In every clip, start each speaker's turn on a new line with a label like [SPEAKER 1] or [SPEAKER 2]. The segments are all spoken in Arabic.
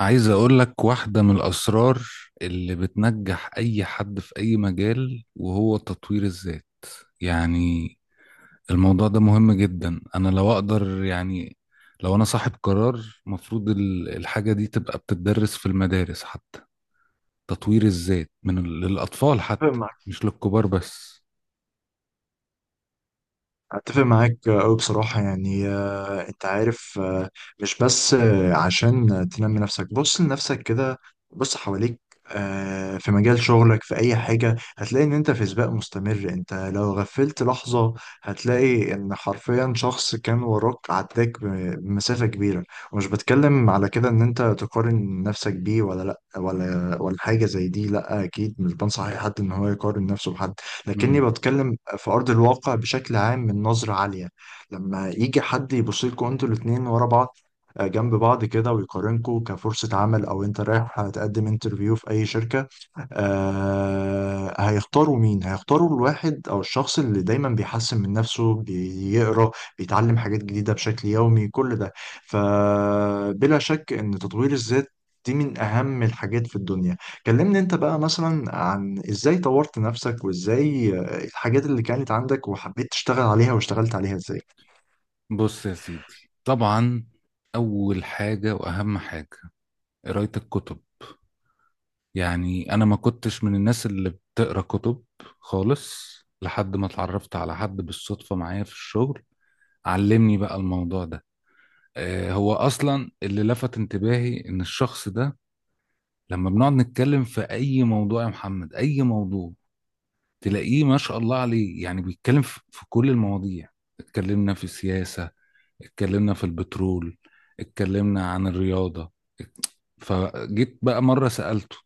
[SPEAKER 1] عايز اقول لك واحدة من الاسرار اللي بتنجح اي حد في اي مجال وهو تطوير الذات. يعني الموضوع ده مهم جدا، انا لو اقدر يعني لو انا صاحب قرار، مفروض الحاجة دي تبقى بتدرس في المدارس حتى. تطوير الذات من للاطفال
[SPEAKER 2] اتفق
[SPEAKER 1] حتى،
[SPEAKER 2] معاك
[SPEAKER 1] مش للكبار بس.
[SPEAKER 2] اتفق معاك قوي بصراحه، يعني، انت عارف، مش بس، عشان تنمي نفسك. بص لنفسك كده، بص حواليك. في مجال شغلك في اي حاجه هتلاقي ان انت في سباق مستمر. انت لو غفلت لحظه هتلاقي ان حرفيا شخص كان وراك عداك بمسافه كبيره. ومش بتكلم على كده ان انت تقارن نفسك بيه، ولا حاجه زي دي. لا، اكيد مش بنصح اي حد ان هو يقارن نفسه بحد، لكني
[SPEAKER 1] مم.
[SPEAKER 2] بتكلم في أرض الواقع بشكل عام من نظرة عالية. لما يجي حد يبص لكم انتوا الاتنين ورا بعض، جنب بعض كده، ويقارنكم كفرصة عمل، أو أنت رايح تقدم انترفيو في أي شركة، هيختاروا مين؟ هيختاروا الواحد أو الشخص اللي دايما بيحسن من نفسه، بيقرأ، بيتعلم حاجات جديدة بشكل يومي، كل ده. فبلا شك إن تطوير الذات دي من أهم الحاجات في الدنيا. كلمني أنت بقى مثلا عن إزاي طورت نفسك، وإزاي، الحاجات اللي كانت عندك وحبيت تشتغل عليها، واشتغلت عليها إزاي؟
[SPEAKER 1] بص يا سيدي، طبعا اول حاجة واهم حاجة قراية الكتب. يعني انا ما كنتش من الناس اللي بتقرا كتب خالص، لحد ما اتعرفت على حد بالصدفة معايا في الشغل، علمني بقى الموضوع ده. هو اصلا اللي لفت انتباهي ان الشخص ده لما بنقعد نتكلم في اي موضوع يا محمد، اي موضوع، تلاقيه ما شاء الله عليه، يعني بيتكلم في كل المواضيع. اتكلمنا في السياسة، اتكلمنا في البترول، اتكلمنا عن الرياضة. فجيت بقى مرة سألته،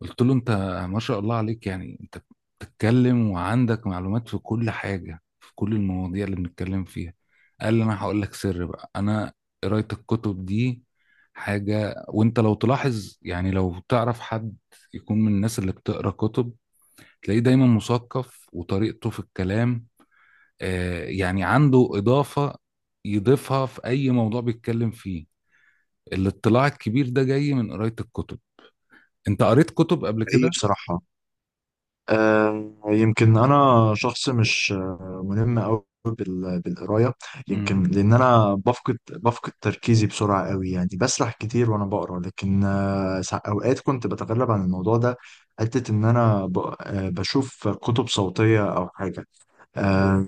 [SPEAKER 1] قلت له انت ما شاء الله عليك، يعني انت بتتكلم وعندك معلومات في كل حاجة، في كل المواضيع اللي بنتكلم فيها. قال لي انا هقول لك سر بقى، انا قراية الكتب دي حاجة. وانت لو تلاحظ، يعني لو تعرف حد يكون من الناس اللي بتقرا كتب، تلاقيه دايما مثقف، وطريقته في الكلام آه يعني عنده إضافة يضيفها في أي موضوع بيتكلم فيه. الاطلاع الكبير ده جاي من قراية الكتب. انت قريت كتب قبل
[SPEAKER 2] هي
[SPEAKER 1] كده؟
[SPEAKER 2] بصراحة، يمكن انا شخص مش، ملم قوي بالقرايه. يمكن
[SPEAKER 1] مم.
[SPEAKER 2] لان انا بفقد تركيزي بسرعه قوي، يعني بسرح كتير وانا بقرا، لكن، اوقات كنت بتغلب عن الموضوع ده، حته ان انا بشوف كتب صوتيه او حاجه. آه،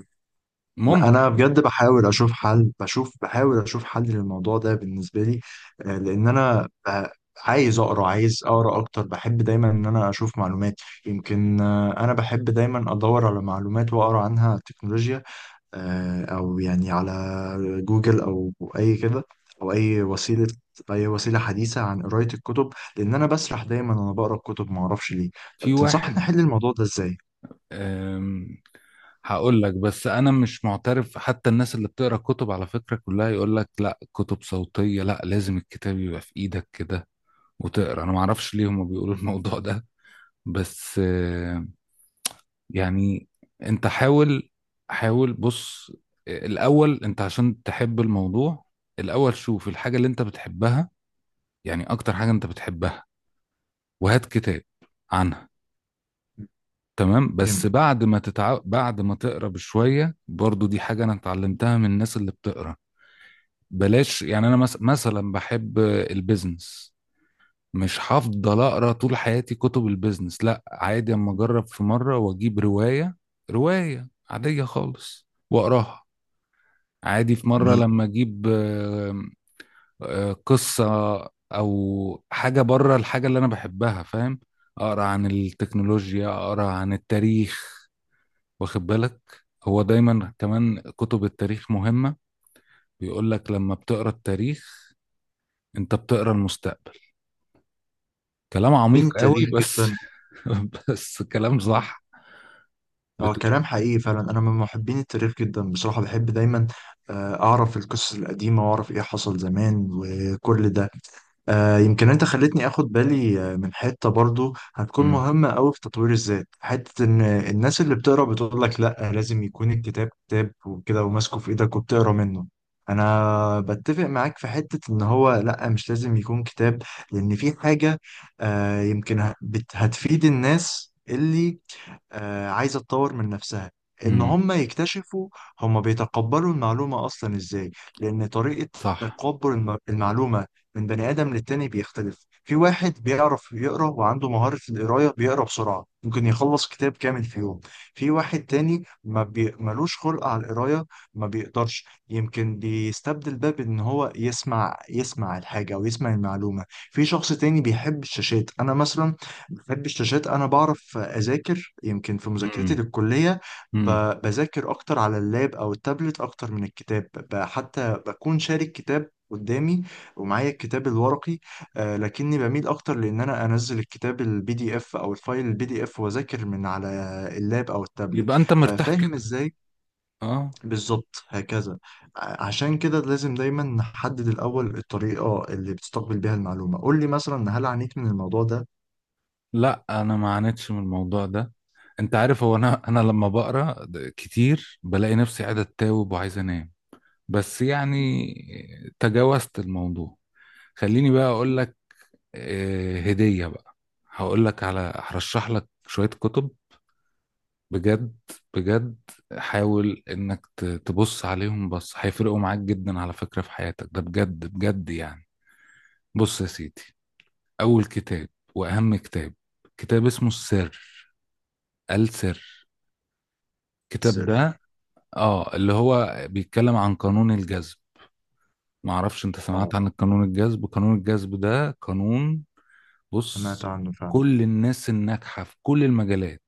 [SPEAKER 1] ممكن.
[SPEAKER 2] انا بجد بحاول اشوف حل، للموضوع ده بالنسبه لي، لان انا، عايز اقرا، اكتر. بحب دايما ان انا اشوف معلومات. يمكن، انا بحب دايما ادور على معلومات واقرا عنها، تكنولوجيا، او يعني على جوجل، او اي كده، او اي وسيله، حديثه عن قرايه الكتب، لان انا بسرح دايما وانا بقرا الكتب ما اعرفش ليه.
[SPEAKER 1] في
[SPEAKER 2] طب تنصحني
[SPEAKER 1] واحد
[SPEAKER 2] احل الموضوع ده ازاي؟
[SPEAKER 1] أم، هقول لك، بس انا مش معترف. حتى الناس اللي بتقرا كتب على فكره كلها يقول لك لا، كتب صوتيه لا، لازم الكتاب يبقى في ايدك كده وتقرا. انا ما اعرفش ليه هم بيقولوا الموضوع ده، بس يعني انت حاول. حاول بص، الاول انت عشان تحب الموضوع الاول، شوف الحاجه اللي انت بتحبها. يعني اكتر حاجه انت بتحبها، وهات كتاب عنها. تمام؟ بس
[SPEAKER 2] جميل.
[SPEAKER 1] بعد ما بعد ما تقرا بشويه، برضو دي حاجه انا اتعلمتها من الناس اللي بتقرا، بلاش يعني انا مثلا بحب البيزنس، مش هفضل اقرا طول حياتي كتب البيزنس، لا، عادي اما اجرب في مره واجيب روايه. روايه عاديه خالص واقراها، عادي. في مره
[SPEAKER 2] جميل.
[SPEAKER 1] لما اجيب قصه او حاجه بره الحاجه اللي انا بحبها، فاهم؟ اقرا عن التكنولوجيا، اقرا عن التاريخ. واخد بالك؟ هو دايما كمان كتب التاريخ مهمة، بيقول لك لما بتقرا التاريخ انت بتقرا المستقبل. كلام عميق
[SPEAKER 2] بين
[SPEAKER 1] قوي،
[SPEAKER 2] التاريخ
[SPEAKER 1] بس
[SPEAKER 2] جدا.
[SPEAKER 1] بس كلام صح.
[SPEAKER 2] اه،
[SPEAKER 1] بت...
[SPEAKER 2] كلام حقيقي فعلا. انا من محبين التاريخ جدا بصراحه، بحب دايما، اعرف القصص القديمه، واعرف ايه حصل زمان وكل ده. يمكن انت خلتني اخد بالي، من حته برضو هتكون
[SPEAKER 1] مم.
[SPEAKER 2] مهمه قوي في تطوير الذات. حته ان الناس اللي بتقرا بتقول لك لا، لازم يكون الكتاب كتاب وكده، وماسكه في ايدك وبتقرا منه. انا بتفق معاك في حته ان هو لا، مش لازم يكون كتاب، لان في حاجه، يمكن هتفيد الناس اللي، عايزة تطور من نفسها. ان
[SPEAKER 1] مم.
[SPEAKER 2] هم يكتشفوا هم بيتقبلوا المعلومة اصلا ازاي، لان طريقة
[SPEAKER 1] صح.
[SPEAKER 2] تقبل المعلومة من بني ادم للتاني بيختلف. في واحد بيعرف يقرا وعنده مهارة القراية، بيقرا بسرعة، ممكن يخلص كتاب كامل في يوم. في واحد تاني ما بي... ملوش خلق على القراية، ما بيقدرش، يمكن بيستبدل ده بان هو يسمع، يسمع الحاجة، او يسمع المعلومة. في شخص تاني بيحب الشاشات، انا مثلا بحب الشاشات. انا بعرف اذاكر، يمكن في مذاكرتي
[SPEAKER 1] مم.
[SPEAKER 2] للكليه،
[SPEAKER 1] مم.
[SPEAKER 2] بذاكر اكتر على اللاب او التابلت اكتر من الكتاب، حتى بكون شارك كتاب قدامي ومعايا الكتاب الورقي. آه، لكني بميل اكتر لان انا انزل الكتاب البي دي اف، او الفايل البي دي اف، واذاكر من على اللاب او التابلت.
[SPEAKER 1] يبقى انت مرتاح
[SPEAKER 2] ففاهم
[SPEAKER 1] كده؟
[SPEAKER 2] ازاي،
[SPEAKER 1] اه.
[SPEAKER 2] بالظبط هكذا. عشان كده لازم دايما نحدد الاول الطريقه اللي بتستقبل بيها المعلومه. قول لي مثلا، هل عانيت من الموضوع ده؟
[SPEAKER 1] لا انا ما عانيتش من الموضوع ده. انت عارف، هو انا لما بقرا كتير بلاقي نفسي قاعد اتاوب وعايز انام، بس يعني تجاوزت الموضوع. خليني بقى اقول لك هدية بقى، هقول لك على، هرشح لك شوية كتب بجد. بجد حاول انك تبص عليهم، بس هيفرقوا معاك جدا على فكرة في حياتك، ده بجد بجد يعني. بص يا سيدي، اول كتاب واهم كتاب كتاب اسمه السر. السر، الكتاب
[SPEAKER 2] سر.
[SPEAKER 1] ده اه اللي هو بيتكلم عن قانون الجذب. معرفش انت سمعت عن قانون الجذب؟ قانون الجذب ده قانون،
[SPEAKER 2] سمعت
[SPEAKER 1] بص،
[SPEAKER 2] عنه فعلا.
[SPEAKER 1] كل الناس الناجحة في كل المجالات،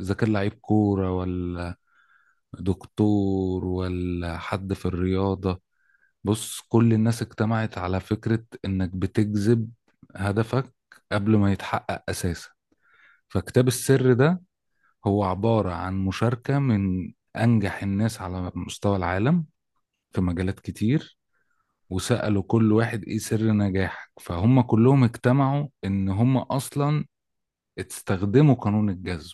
[SPEAKER 1] إذا كان لعيب كورة ولا دكتور ولا حد في الرياضة، بص كل الناس اجتمعت على فكرة إنك بتجذب هدفك قبل ما يتحقق أساسا. فكتاب السر ده هو عبارة عن مشاركة من أنجح الناس على مستوى العالم في مجالات كتير، وسألوا كل واحد إيه سر نجاحك، فهم كلهم اجتمعوا إن هم أصلا استخدموا قانون الجذب.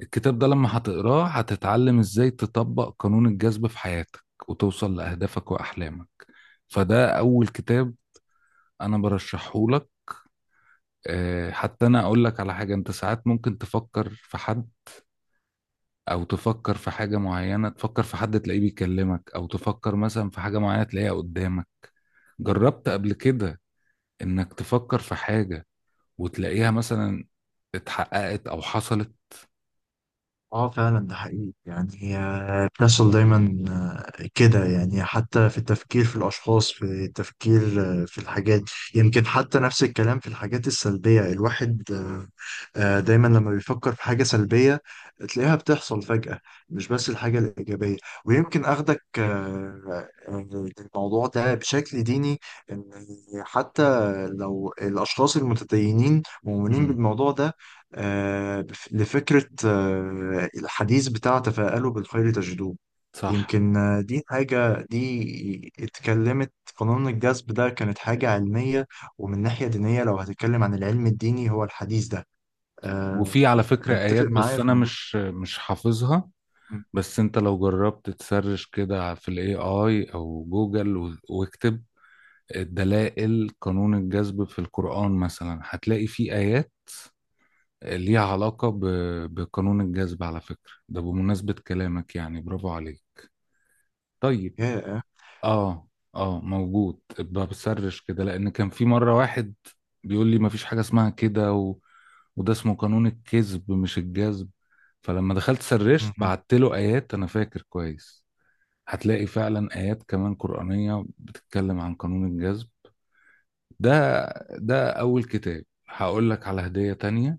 [SPEAKER 1] الكتاب ده لما هتقراه هتتعلم ازاي تطبق قانون الجذب في حياتك وتوصل لأهدافك وأحلامك. فده أول كتاب أنا برشحه لك. حتى أنا أقول لك على حاجة، أنت ساعات ممكن تفكر في حد أو تفكر في حاجة معينة، تفكر في حد تلاقيه بيكلمك، أو تفكر مثلا في حاجة معينة تلاقيها قدامك. جربت قبل كده إنك تفكر في حاجة وتلاقيها مثلا اتحققت أو حصلت؟
[SPEAKER 2] اه، فعلا ده حقيقي، يعني هي بتحصل دايما، كده يعني، حتى في التفكير في الأشخاص، في التفكير، في الحاجات. يمكن حتى نفس الكلام في الحاجات السلبية، الواحد، دايما لما بيفكر في حاجة سلبية تلاقيها بتحصل فجأة، مش بس الحاجة الإيجابية. ويمكن أخدك، الموضوع ده بشكل ديني، إن حتى لو الأشخاص المتدينين مؤمنين
[SPEAKER 1] مم.
[SPEAKER 2] بالموضوع ده، آه، لفكرة، الحديث بتاع تفاءلوا بالخير تجدوه.
[SPEAKER 1] صح.
[SPEAKER 2] يمكن، دي حاجة، دي اتكلمت قانون الجذب ده كانت حاجة علمية، ومن ناحية دينية لو هتتكلم عن العلم الديني هو الحديث ده. آه،
[SPEAKER 1] وفي على فكرة آيات،
[SPEAKER 2] متفق معايا
[SPEAKER 1] بس
[SPEAKER 2] في
[SPEAKER 1] أنا
[SPEAKER 2] الموضوع.
[SPEAKER 1] مش حافظها.
[SPEAKER 2] مم.
[SPEAKER 1] بس أنت لو جربت تسرش كده في الاي اي أو جوجل واكتب دلائل قانون الجذب في القرآن مثلا، هتلاقي في آيات ليها علاقة بقانون الجذب. على فكرة ده بمناسبة كلامك، يعني برافو عليك. طيب.
[SPEAKER 2] يا.
[SPEAKER 1] اه. اه موجود، ابقى بسرش كده، لأن كان في مرة واحد بيقول لي مفيش حاجة اسمها كده، وده اسمه قانون الكذب مش الجذب. فلما دخلت سرشت،
[SPEAKER 2] مم.
[SPEAKER 1] بعت له آيات، أنا فاكر كويس. هتلاقي فعلا آيات كمان قرآنية بتتكلم عن قانون الجذب ده. ده أول كتاب. هقول لك على هدية تانية.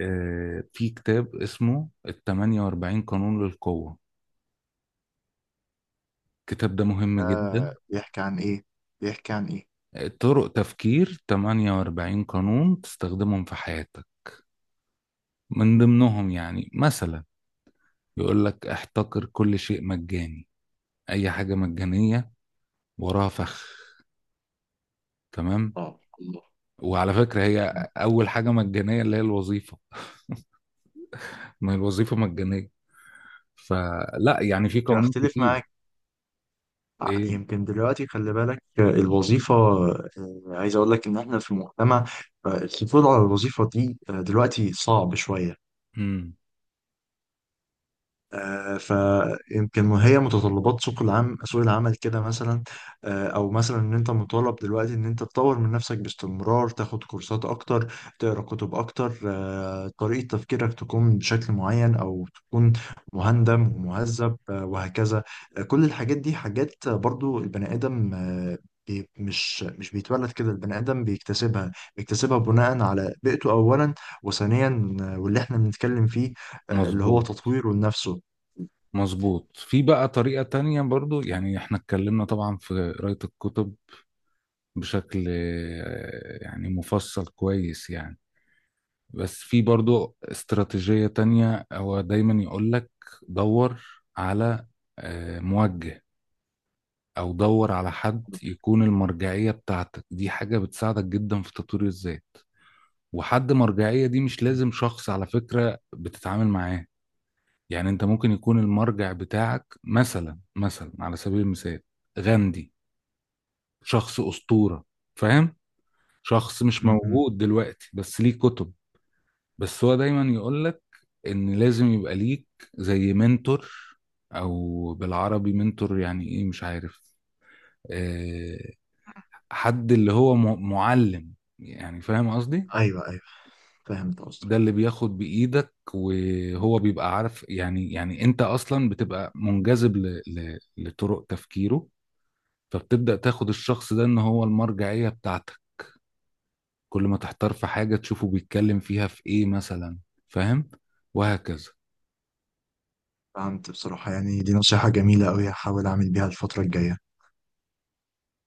[SPEAKER 1] في كتاب اسمه ال 48 قانون للقوة. الكتاب ده مهم جدا.
[SPEAKER 2] بيحكي عن إيه؟ بيحكي عن إيه؟
[SPEAKER 1] طرق تفكير، 48 قانون تستخدمهم في حياتك. من ضمنهم يعني مثلا يقول لك احتقر كل شيء مجاني، اي حاجة مجانية وراها فخ. تمام؟
[SPEAKER 2] اه، الله.
[SPEAKER 1] وعلى فكرة
[SPEAKER 2] مم.
[SPEAKER 1] هي أول حاجة مجانية اللي هي الوظيفة، ما هي الوظيفة مجانية. فلا يعني في
[SPEAKER 2] ممكن
[SPEAKER 1] قوانين
[SPEAKER 2] أختلف
[SPEAKER 1] كتير.
[SPEAKER 2] معاك.
[SPEAKER 1] إيه؟
[SPEAKER 2] يمكن دلوقتي خلي بالك، الوظيفة، عايز أقول لك إن إحنا في مجتمع، الحصول على الوظيفة دي، دلوقتي صعب شوية.
[SPEAKER 1] مم.
[SPEAKER 2] فيمكن هي متطلبات سوق العمل، كده مثلا. او مثلا ان انت مطالب دلوقتي ان انت تطور من نفسك باستمرار، تاخد كورسات اكتر، تقرا كتب اكتر، طريقة تفكيرك تكون بشكل معين، او تكون مهندم ومهذب، وهكذا. كل الحاجات دي حاجات برضو البني ادم، مش بيتولد كده. البني ادم بيكتسبها، بناء على بيئته اولا، وثانيا، واللي احنا بنتكلم فيه، اللي هو
[SPEAKER 1] مظبوط.
[SPEAKER 2] تطويره لنفسه.
[SPEAKER 1] مظبوط. في بقى طريقة تانية برضو، يعني احنا اتكلمنا طبعا في قراية الكتب بشكل يعني مفصل كويس يعني، بس في برضو استراتيجية تانية. هو دايما يقولك دور على موجه، او دور على حد يكون المرجعية بتاعتك. دي حاجة بتساعدك جدا في تطوير الذات. وحد مرجعية دي مش لازم شخص على فكرة بتتعامل معاه، يعني انت ممكن يكون المرجع بتاعك مثلا على سبيل المثال غاندي، شخص أسطورة، فاهم؟ شخص مش
[SPEAKER 2] م-م.
[SPEAKER 1] موجود دلوقتي، بس ليه كتب. بس هو دايما يقولك ان لازم يبقى ليك زي منتور، او بالعربي منتور يعني ايه مش عارف، آه، حد اللي هو معلم، يعني فاهم قصدي؟
[SPEAKER 2] ايوه، ايوه، فهمت
[SPEAKER 1] ده اللي
[SPEAKER 2] قصدك.
[SPEAKER 1] بياخد بإيدك، وهو بيبقى عارف، يعني يعني انت اصلا بتبقى منجذب لطرق تفكيره. فبتبدأ تاخد الشخص ده ان هو المرجعية بتاعتك، كل ما تحتار في حاجة تشوفه بيتكلم فيها في ايه مثلا، فاهم؟ وهكذا.
[SPEAKER 2] فهمت بصراحة، يعني دي نصيحة جميلة أوي، هحاول أعمل بيها الفترة الجاية.